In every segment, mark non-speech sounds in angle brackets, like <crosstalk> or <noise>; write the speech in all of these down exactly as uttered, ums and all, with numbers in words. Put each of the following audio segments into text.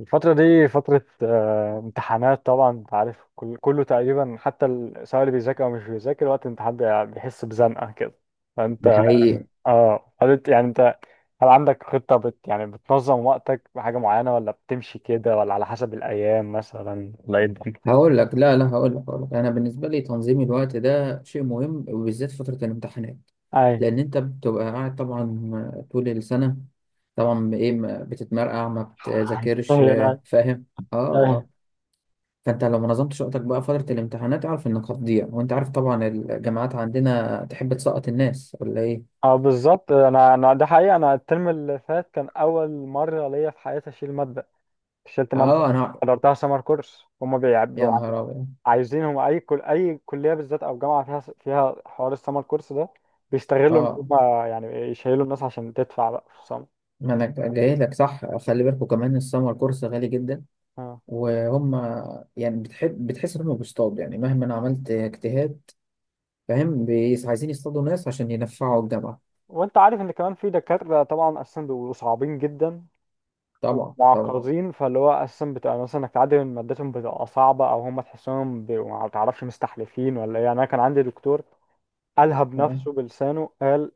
الفترة دي فترة آه، امتحانات طبعا انت عارف كل كله تقريبا حتى ال- سواء اللي بيذاكر او مش بيذاكر وقت الامتحان بي- بيحس بزنقة كده ده فانت حقيقي. اه هل انت- يعني انت هل عندك خطة بت يعني بتنظم وقتك بحاجة معينة ولا بتمشي كده ولا على حسب الأيام مثلا ولا ايه الدنيا؟ هقول لك لا لا هقول لك هقول لك انا بالنسبه لي تنظيم الوقت ده شيء مهم، وبالذات فتره الامتحانات، اي لان انت بتبقى قاعد طبعا طول السنه، طبعا ايه، ما بتتمرقع، ما <laughs> بتذاكرش، اي آه، انا فاهم. اه أي. اه فانت لو ما نظمتش وقتك بقى فتره الامتحانات اعرف انك هتضيع، وانت عارف طبعا الجامعات عندنا تحب تسقط الناس ولا ايه. اه بالظبط انا انا ده حقيقي انا الترم اللي فات كان اول مرة ليا في حياتي اشيل مادة شلت مادة اه انا. حضرتها سمر كورس هما يا بيعبوا نهار ابيض. عايزينهم اي كل اي كليه بالذات او جامعه فيها فيها حوار السمر كورس ده بيستغلوا ان اه، هم يعني يشيلوا الناس عشان تدفع بقى في السمر. ما انا جاي لك، صح، خلي بالكوا كمان السمر كورس غالي جدا، اه. وهم يعني بتحب بتحس إنهم بيصطادوا، يعني مهما أنا عملت اجتهاد، فاهم، بيس- عايزين يصطادوا ناس عشان ينفعوا الجامعة. وانت عارف ان كمان في دكاتره طبعا اساسا بيبقوا صعبين جدا طبعا طبعا. ومعقدين فاللي هو اساسا بتبقى مثلا انك تعدي من مادتهم بتبقى صعبه او هم تحسهم بيبقوا ما تعرفش مستحلفين ولا ايه يعني انا كان عندي دكتور قالها آه. بنفسه بلسانه قال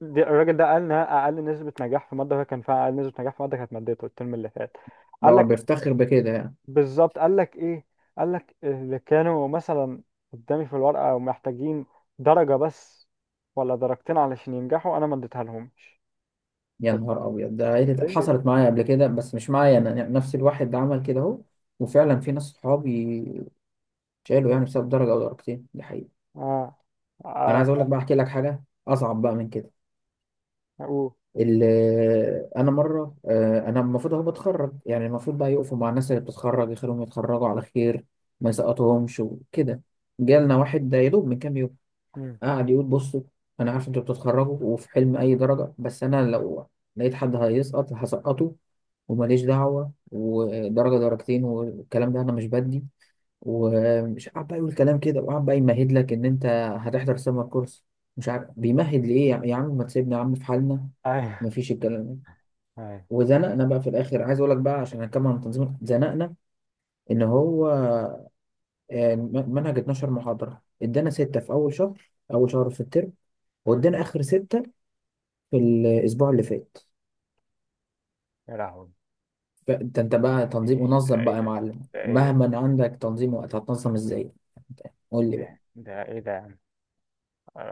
دي الراجل ده قال انها اقل نسبه نجاح في ماده وهي كان فيها اقل نسبه نجاح في ماده كانت مادته الترم اللي فات. ده قال هو لك بيفتخر بكده يعني. بالظبط قال لك ايه، قال لك اللي كانوا مثلا قدامي في الورقه ومحتاجين درجه بس ولا درجتين علشان ينجحوا انا ما اديتها لهمش. يا طب نهار أبيض. ده عيلة- حصلت ليه؟ معايا قبل كده، بس مش معايا أنا يعني، نفس الواحد ده عمل كده أهو. وفعلا في ناس صحابي شالوا يعني بسبب درجة أو درجتين، دي حقيقة. اه أنا اه. عايز أقول لك بقى، أحكي لك حاجة أصعب بقى من كده. أوه. ال- آه، انا مره آه، انا المفروض اهو بتخرج، يعني المفروض بقى يقفوا مع الناس اللي بتتخرج يخليهم يتخرجوا على خير، ما يسقطهمش وكده. جالنا واحد ده يا دوب من كام يوم، مم. قعد يقول بصوا، انا عارف انتوا بتتخرجوا وفي حلم اي درجه، بس انا لو لقيت حد هيسقط هسقطه، وماليش دعوه ودرجه درجتين والكلام ده انا مش بدي. ومش قاعد بقى يقول كلام كده، وقاعد بقى يمهد لك ان انت هتحضر سمر كورس، مش عارف بيمهد ليه. يا يا عم ما تسيبنا يا عم في حالنا، ايوه مفيش الكلام ده. ايوه. وزنقنا بقى في الاخر. عايز اقول لك بقى عشان هنكمل عن تنظيم، زنقنا ان هو آه، م- منهج اتناشر محاضره، ادانا سته في اول شهر اول شهر في الترم، مم. وادانا اخر سته في الاسبوع اللي فات. يا لهوي، فانت انت بقى تنظيم، منظم بقى ايه يا ده؟ معلم. ده ايه ده؟ مهما عندك تنظيم وقت هتنظم ازاي، قول لي بقى. ده ايه ده يا عم؟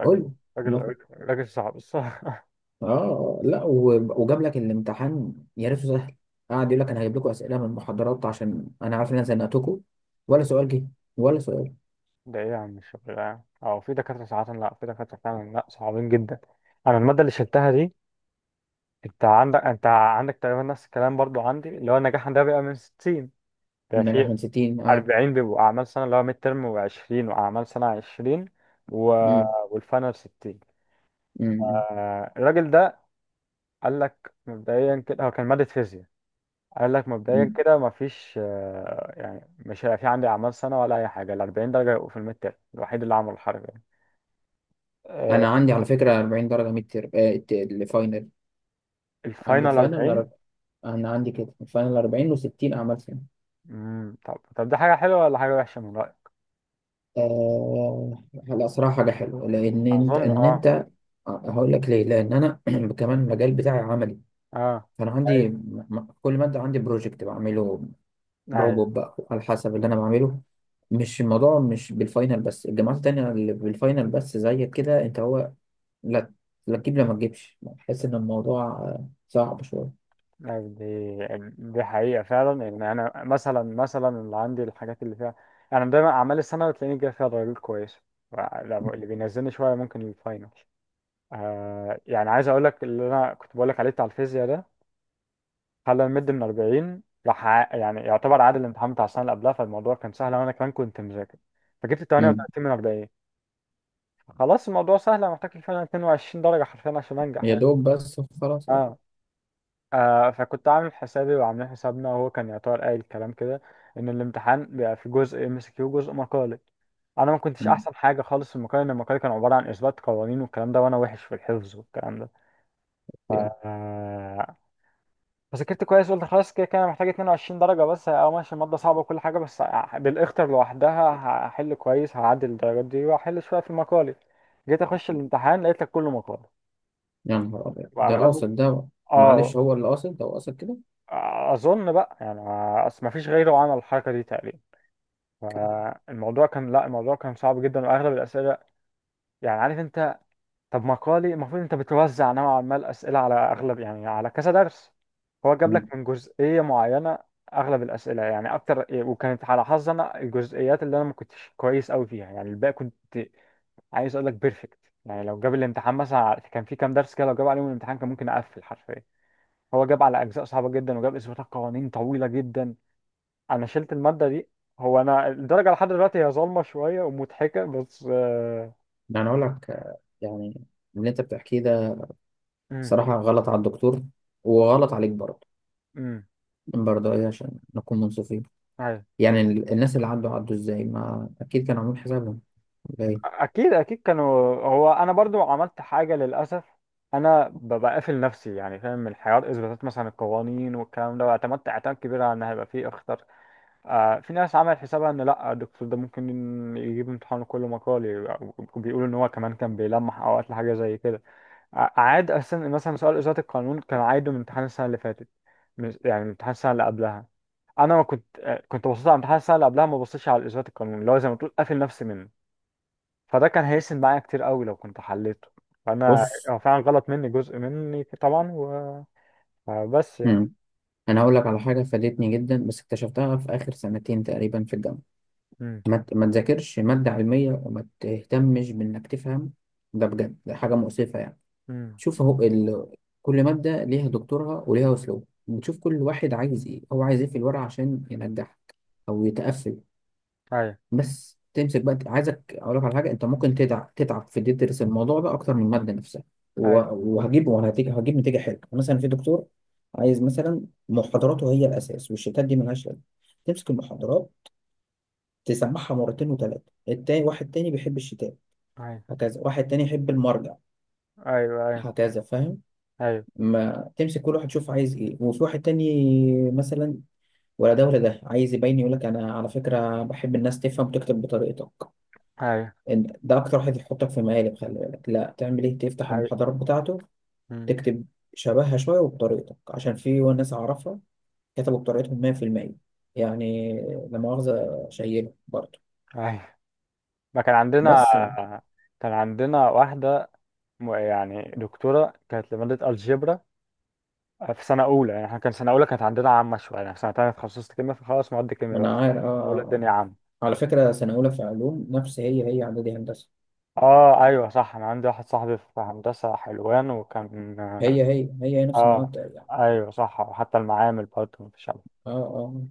قول راجل لي. راجل راجل صعب الصراحة. اه لا، و- وجاب لك الامتحان يا ريته سهل، قعد يقول لك انا هجيب لكم اسئله من المحاضرات عشان انا عارف ان انا زنقتكم، ولا سؤال جه، ولا سؤال. <laughs> ده ايه يا عم الشغل ده؟ او في دكاترة ساعات لا في دكاترة فعلا لا صعبين جدا. انا المادة اللي شلتها دي، انت عندك انت عندك تقريبا نفس الكلام برضو عندي اللي هو النجاح عندها بيبقى من ستين، ده في النجاح من ستين، اه. أربعين بيبقوا اعمال سنه اللي هو ميد ترم، و20 واعمال سنه عشرين و... امم. والفاينل ستين. امم. آه، الراجل ده قال لك مبدئيا كده هو كان ماده فيزياء، قال لك مبدئيا امم، كده مفيش آه، يعني مش هيبقى في عندي اعمال سنه ولا اي حاجه، ال أربعين درجه يبقوا في الميد ترم، الوحيد اللي عمل الحركه دي. آه، انا عندي على فكره اربعين درجه ميد تيرم، آه ت- الفاينل. عندي الفاينل الفاينل أربعين. أر- انا عندي كده الفاينل اربعين و60 اعمال سنه. مم، طب طب ده حاجه حلوه ولا حاجه وحشه من رايك؟ آه لا صراحه حاجه حلوه، لان انت اظن ان اه. انت، آه، هقول لك ليه، لان انا <clears throat> كمان المجال بتاعي عملي، اه فانا عندي م- م- كل ماده عندي بروجكت بعمله، روبوت ايوه، بقى على حسب اللي انا بعمله، مش الموضوع مش بالفاينل بس، الجامعات التانية اللي بالفاينل بس زيك كده انت هو، لا، لا تجيب، لا ما تجيبش، بحس ان الموضوع آه، صعب شوية. يعني دي دي حقيقة فعلا، يعني أنا مثلا مثلا اللي عندي الحاجات اللي فيها، أنا دايما أعمال السنة بتلاقيني جاي فيها درجات كويسة، لو- اللي بينزلني شوية ممكن الفاينل. آه يعني عايز أقول لك اللي أنا كنت بقول لك عليه بتاع الفيزياء ده، خلى المد من أربعين راح ع- يعني يعتبر عادل الامتحان بتاع السنة اللي قبلها، فالموضوع كان سهل وأنا كمان كنت مذاكر، فجبت امم. تمنية وتلاتين من أربعين. خلاص الموضوع سهل، أنا محتاج الفاينل اتنين وعشرين درجة حرفيا عشان أنجح يا يعني. دوب بس، خلاص، اه. اه آه، فكنت عامل حسابي وعاملين حسابنا، وهو كان يعتبر قايل الكلام كده ان الامتحان بيبقى في جزء ام اس كيو وجزء مقالي. انا ما كنتش مم. احسن حاجه خالص في المقالي لان المقالي كان عباره عن اثبات قوانين والكلام ده، وانا وحش في الحفظ والكلام ده. إيه؟ آه، فذاكرت كويس، قلت خلاص كده كده انا محتاج اتنين وعشرين درجه بس او ماشي، الماده صعبه وكل حاجه بس بالاختر لوحدها هحل كويس، هعدي الدرجات دي واحل شويه في المقالي. جيت اخش الامتحان لقيت لك كله مقالي يا نهار ابيض، ده واغلبه. قاصد ده، معلش اه هو اللي قاصد، ده هو قاصد كده اظن بقى يعني اصل ما فيش غيره عمل الحركه دي تقريبا، كده. فالموضوع كان لا، الموضوع كان صعب جدا واغلب الاسئله يعني عارف انت، طب مقالي المفروض انت بتوزع نوعا ما الاسئله على اغلب يعني على كذا درس، هو جاب لك مم. من جزئيه معينه اغلب الاسئله يعني اكتر، وكانت على حظي انا الجزئيات اللي انا ما كنتش كويس قوي فيها، يعني الباقي كنت عايز اقول لك بيرفكت. يعني لو جاب الامتحان مثلا على- كان في كام درس كده لو جاب عليهم الامتحان كان ممكن اقفل حرفيا. هو جاب على اجزاء صعبه جدا وجاب اثباتات قوانين طويله جدا، انا شلت المادة دي. هو انا الدرجة لحد دلوقتي هي ظالمة شوية ومضحكة بس آه، يعني اقول لك، آه، يعني اللي انت بتحكيه ده امم، صراحة غلط على الدكتور، وغلط عليك برضه. امم. برضه ايه عشان نكون منصفين، أيوة. يعني ال- الناس اللي عدوا عدوا ازاي، ما اكيد كانوا عاملين حسابهم، ولا إيه؟ اكيد اكيد كانوا، هو انا برضو عملت حاجة للاسف، انا ب- بقافل نفسي يعني فاهم، من حوار اثباتات مثلا القوانين والكلام ده، واعتمدت اعتماد كبير على ان هيبقى فيه اخطر. آه في ناس عملت حسابها ان لا، الدكتور ده ممكن يجيب امتحان كله مقالي، وبيقولوا ان هو كمان كان بيلمح اوقات لحاجة زي كده. ع- عاد أساسا مثلا سؤال إزالة القانون كان عايده من امتحان السنة اللي فاتت، مش يعني من امتحان السنة اللي قبلها. أنا ما كنت آه، كنت بصيت على امتحان السنة اللي قبلها، ما بصيتش على إزالة القانون اللي هو زي ما تقول قافل نفسي منه. فده كان هيسند معايا كتير قوي لو كنت حليته، فأنا بص. هو فعلا غلط مني جزء مني طبعا و... بس يعني. مم. انا هقول لك على حاجه فادتني جدا، بس اكتشفتها في اخر سنتين تقريبا في الجامعه. أمم، ما ت- ما تذاكرش ماده علميه وما تهتمش بانك تفهم، ده بجد ده حاجه مؤسفه يعني. أمم. شوف اهو ال... كل ماده ليها دكتورها وليها اسلوب، بتشوف كل واحد عايز ايه، هو عايز ايه في الورقه عشان ينجح او يتقفل. أيوه بس تمسك بقى، عايزك اقول لك على حاجه، انت ممكن تتعب تتعب في إن أنت تدرس الموضوع ده اكتر من الماده نفسها، و- أيوه وهجيب وهتيجي هجيب نتيجه حلوه، يعني مثلا في دكتور عايز مثلا محاضراته هي الاساس، والشتات دي ملهاش لازمه، تمسك المحاضرات تسمعها مرتين وثلاثه. التاني واحد تاني بيحب الشتات أيوه هكذا، واحد تاني يحب المرجع أيوه أيوه هكذا، فاهم. أيوه ما تمسك كل واحد يشوف عايز ايه. وفي واحد تاني مثلا ولا ده ولا ده، عايز يبين يقول لك انا على فكره بحب الناس تفهم وتكتب بطريقتك، أيوه انت ده اكتر واحد يحطك في مقالب، خلي بالك، لا تعمل ايه، تفتح أيوه. المحاضرات بتاعته أمم، تكتب شبهها شويه وبطريقتك، عشان في ناس اعرفها كتبوا بطريقتهم مية في المية، يعني، لا مؤاخذه، شايله برضه. أيوه. ما كان عندنا بس كان عندنا واحدة، م- يعني دكتورة كانت لمادة الجبرا في سنة أولى، يعني احنا كان سنة أولى كانت عندنا عامة شوية يعني، في سنة تانية اتخصصت كيمياء فخلاص مواد ما كيمياء بس، انا عارف. آه. سنة أولى آه. الدنيا عامة. على فكره سنه اولى في علوم نفس هي هي اعدادي هندسه، اه ايوه صح، انا عندي واحد صاحبي في هندسة حلوان وكان. هي هي هي هي نفس المواد اه يعني. ايوه صح، وحتى المعامل برضه مفيش عمل. اه. اه.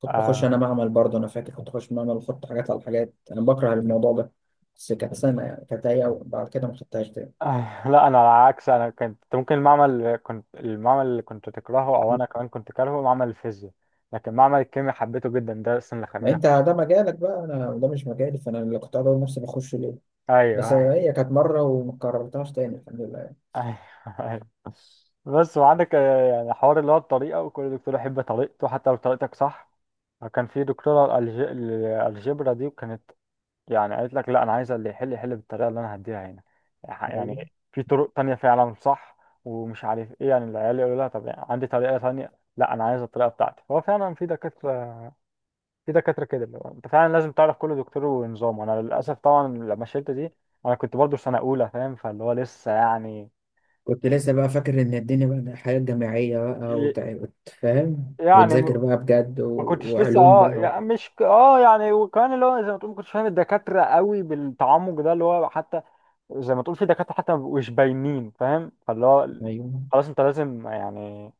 كنت بخش انا آه. معمل برضه، انا فاكر كنت بخش معمل واحط حاجات على حاجات، انا بكره الموضوع ده، بس كانت سنه يعني، كانت هي بعد كده ما خدتهاش تاني. <laughs> آه. لا انا على العكس، انا كنت ممكن المعمل، كنت المعمل اللي كنت تكرهه او انا كمان كنت كارهه معمل الفيزياء، لكن معمل الكيمياء حبيته جدا، ده السنة اللي ما خلاني انت اخش. ده مجالك بقى، انا وده مش مجالي، فانا اللي كنت اقول نفسي بخش ليه، بس ايوه هي كانت مره وما كررتهاش تاني الحمد لله. ايوه. أيوة. بس وعندك آه، يعني حوار اللي هو الطريقه، وكل دكتور يحب طريقته حتى لو طريقتك صح. كان في دكتوره الج- الالجبرا دي وكانت يعني قالت لك لا انا عايزه اللي يحل يحل بالطريقه اللي انا هديها هنا، يعني يعني. في طرق تانية فعلا صح ومش عارف ايه، يعني العيال يقولوا لها طب يعني عندي طريقه تانية، لا انا عايزه الطريقه بتاعتي. هو فعلا في دكاتره، في دكاتره كده اللي هو انت فعلا لازم تعرف كل دكتور ونظامه. انا للاسف طبعا لما شلت دي انا كنت برضو في سنه اولى فاهم، فاللي هو لسه يعني، كنت لسه بقى فاكر ان الدنيا بقى حياه جامعيه بقى، وتع- وتفهم يعني وتذاكر ما بقى بجد، و... كنتش لسه وعلوم اه بقى و... يعني مش ك- اه يعني وكمان اللي هو زي ما تقول، ما كنتش فاهم الدكاتره قوي بالتعمق ده اللي هو حتى زي ما تقول في دكاتره حتى ما بيبقوش باينين فاهم، فاللي هو ايوه خلاص انت لازم يعني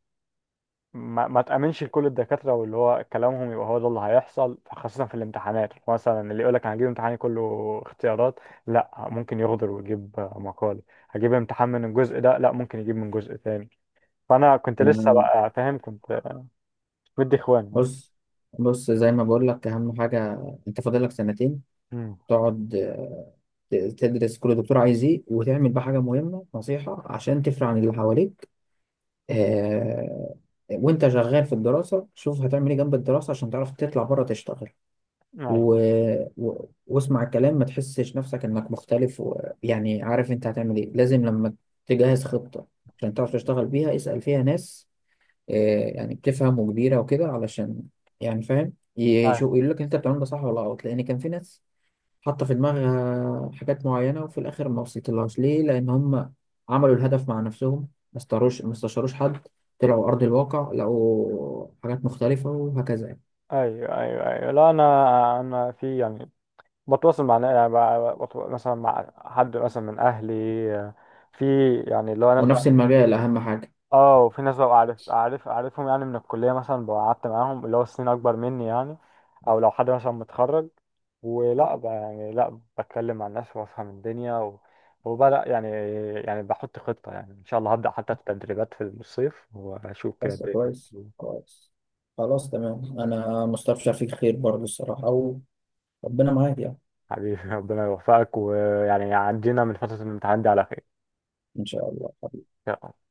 ما, ما تامنش لكل الدكاتره واللي هو كلامهم يبقى هو ده اللي هيحصل، خاصه في الامتحانات مثلا اللي يقول لك انا هجيب امتحاني كله اختيارات، لا ممكن يغدر ويجيب مقال، هجيب امتحان من الجزء ده لا ممكن يجيب من جزء تاني. فانا كنت لسه انا. بقى فاهم كنت مدي اخوان يعني. بص بص زي ما بقول لك، اهم حاجه انت فاضل لك سنتين، امم. تقعد، آه، ت- تدرس كل دكتور عايز ايه، وتعمل بقى حاجه مهمه، نصيحه عشان تفرق عن اللي حواليك، آه، وانت شغال في الدراسة، شوف هتعمل ايه جنب الدراسة عشان تعرف تطلع بره تشتغل، و... و... واسمع الكلام، ما تحسش نفسك انك مختلف، و... يعني عارف انت هتعمل ايه، لازم لما تجهز خطة عشان تعرف تشتغل بيها اسأل فيها ناس، آه، يعني بتفهم وكبيرة وكده، علشان يعني فاهم، يشوف أيوة. يقول لك انت بتعمل ده صح ولا غلط. لان كان في ناس حاطة في دماغها حاجات معينة وفي الآخر ما وصلتلهاش، ليه؟ لأن هم عملوا الهدف مع نفسهم، ما استروش ما استشاروش حد، طلعوا أرض الواقع لقوا حاجات مختلفة، وهكذا يعني. ايوه ايوه ايوه لا انا، انا في يعني بتواصل مع نا- يعني ب- بت- مثلا مع حد مثلا من اهلي، في يعني اللي هو ناس ونفس بقى، المجال أهم حاجة. اه وفي ناس بقى عارف عارف عارفهم يعني من الكليه مثلا، بقى قعدت معاهم اللي هو سنين اكبر مني يعني، او لو حد مثلا متخرج ولا بقى يعني، لا بتكلم مع الناس وافهم الدنيا و... وبدأ يعني، يعني بحط خطة يعني إن شاء الله هبدأ حتى التدريبات في الصيف وأشوف كده بس الدنيا. كويس كويس، خلاص تمام، انا مستبشر فيك خير برضه الصراحه، وربنا معاك يعني. حبيبي ربنا يوفقك، ويعني عدينا من فترة الامتحان دي على خير. ان شاء الله. يلا.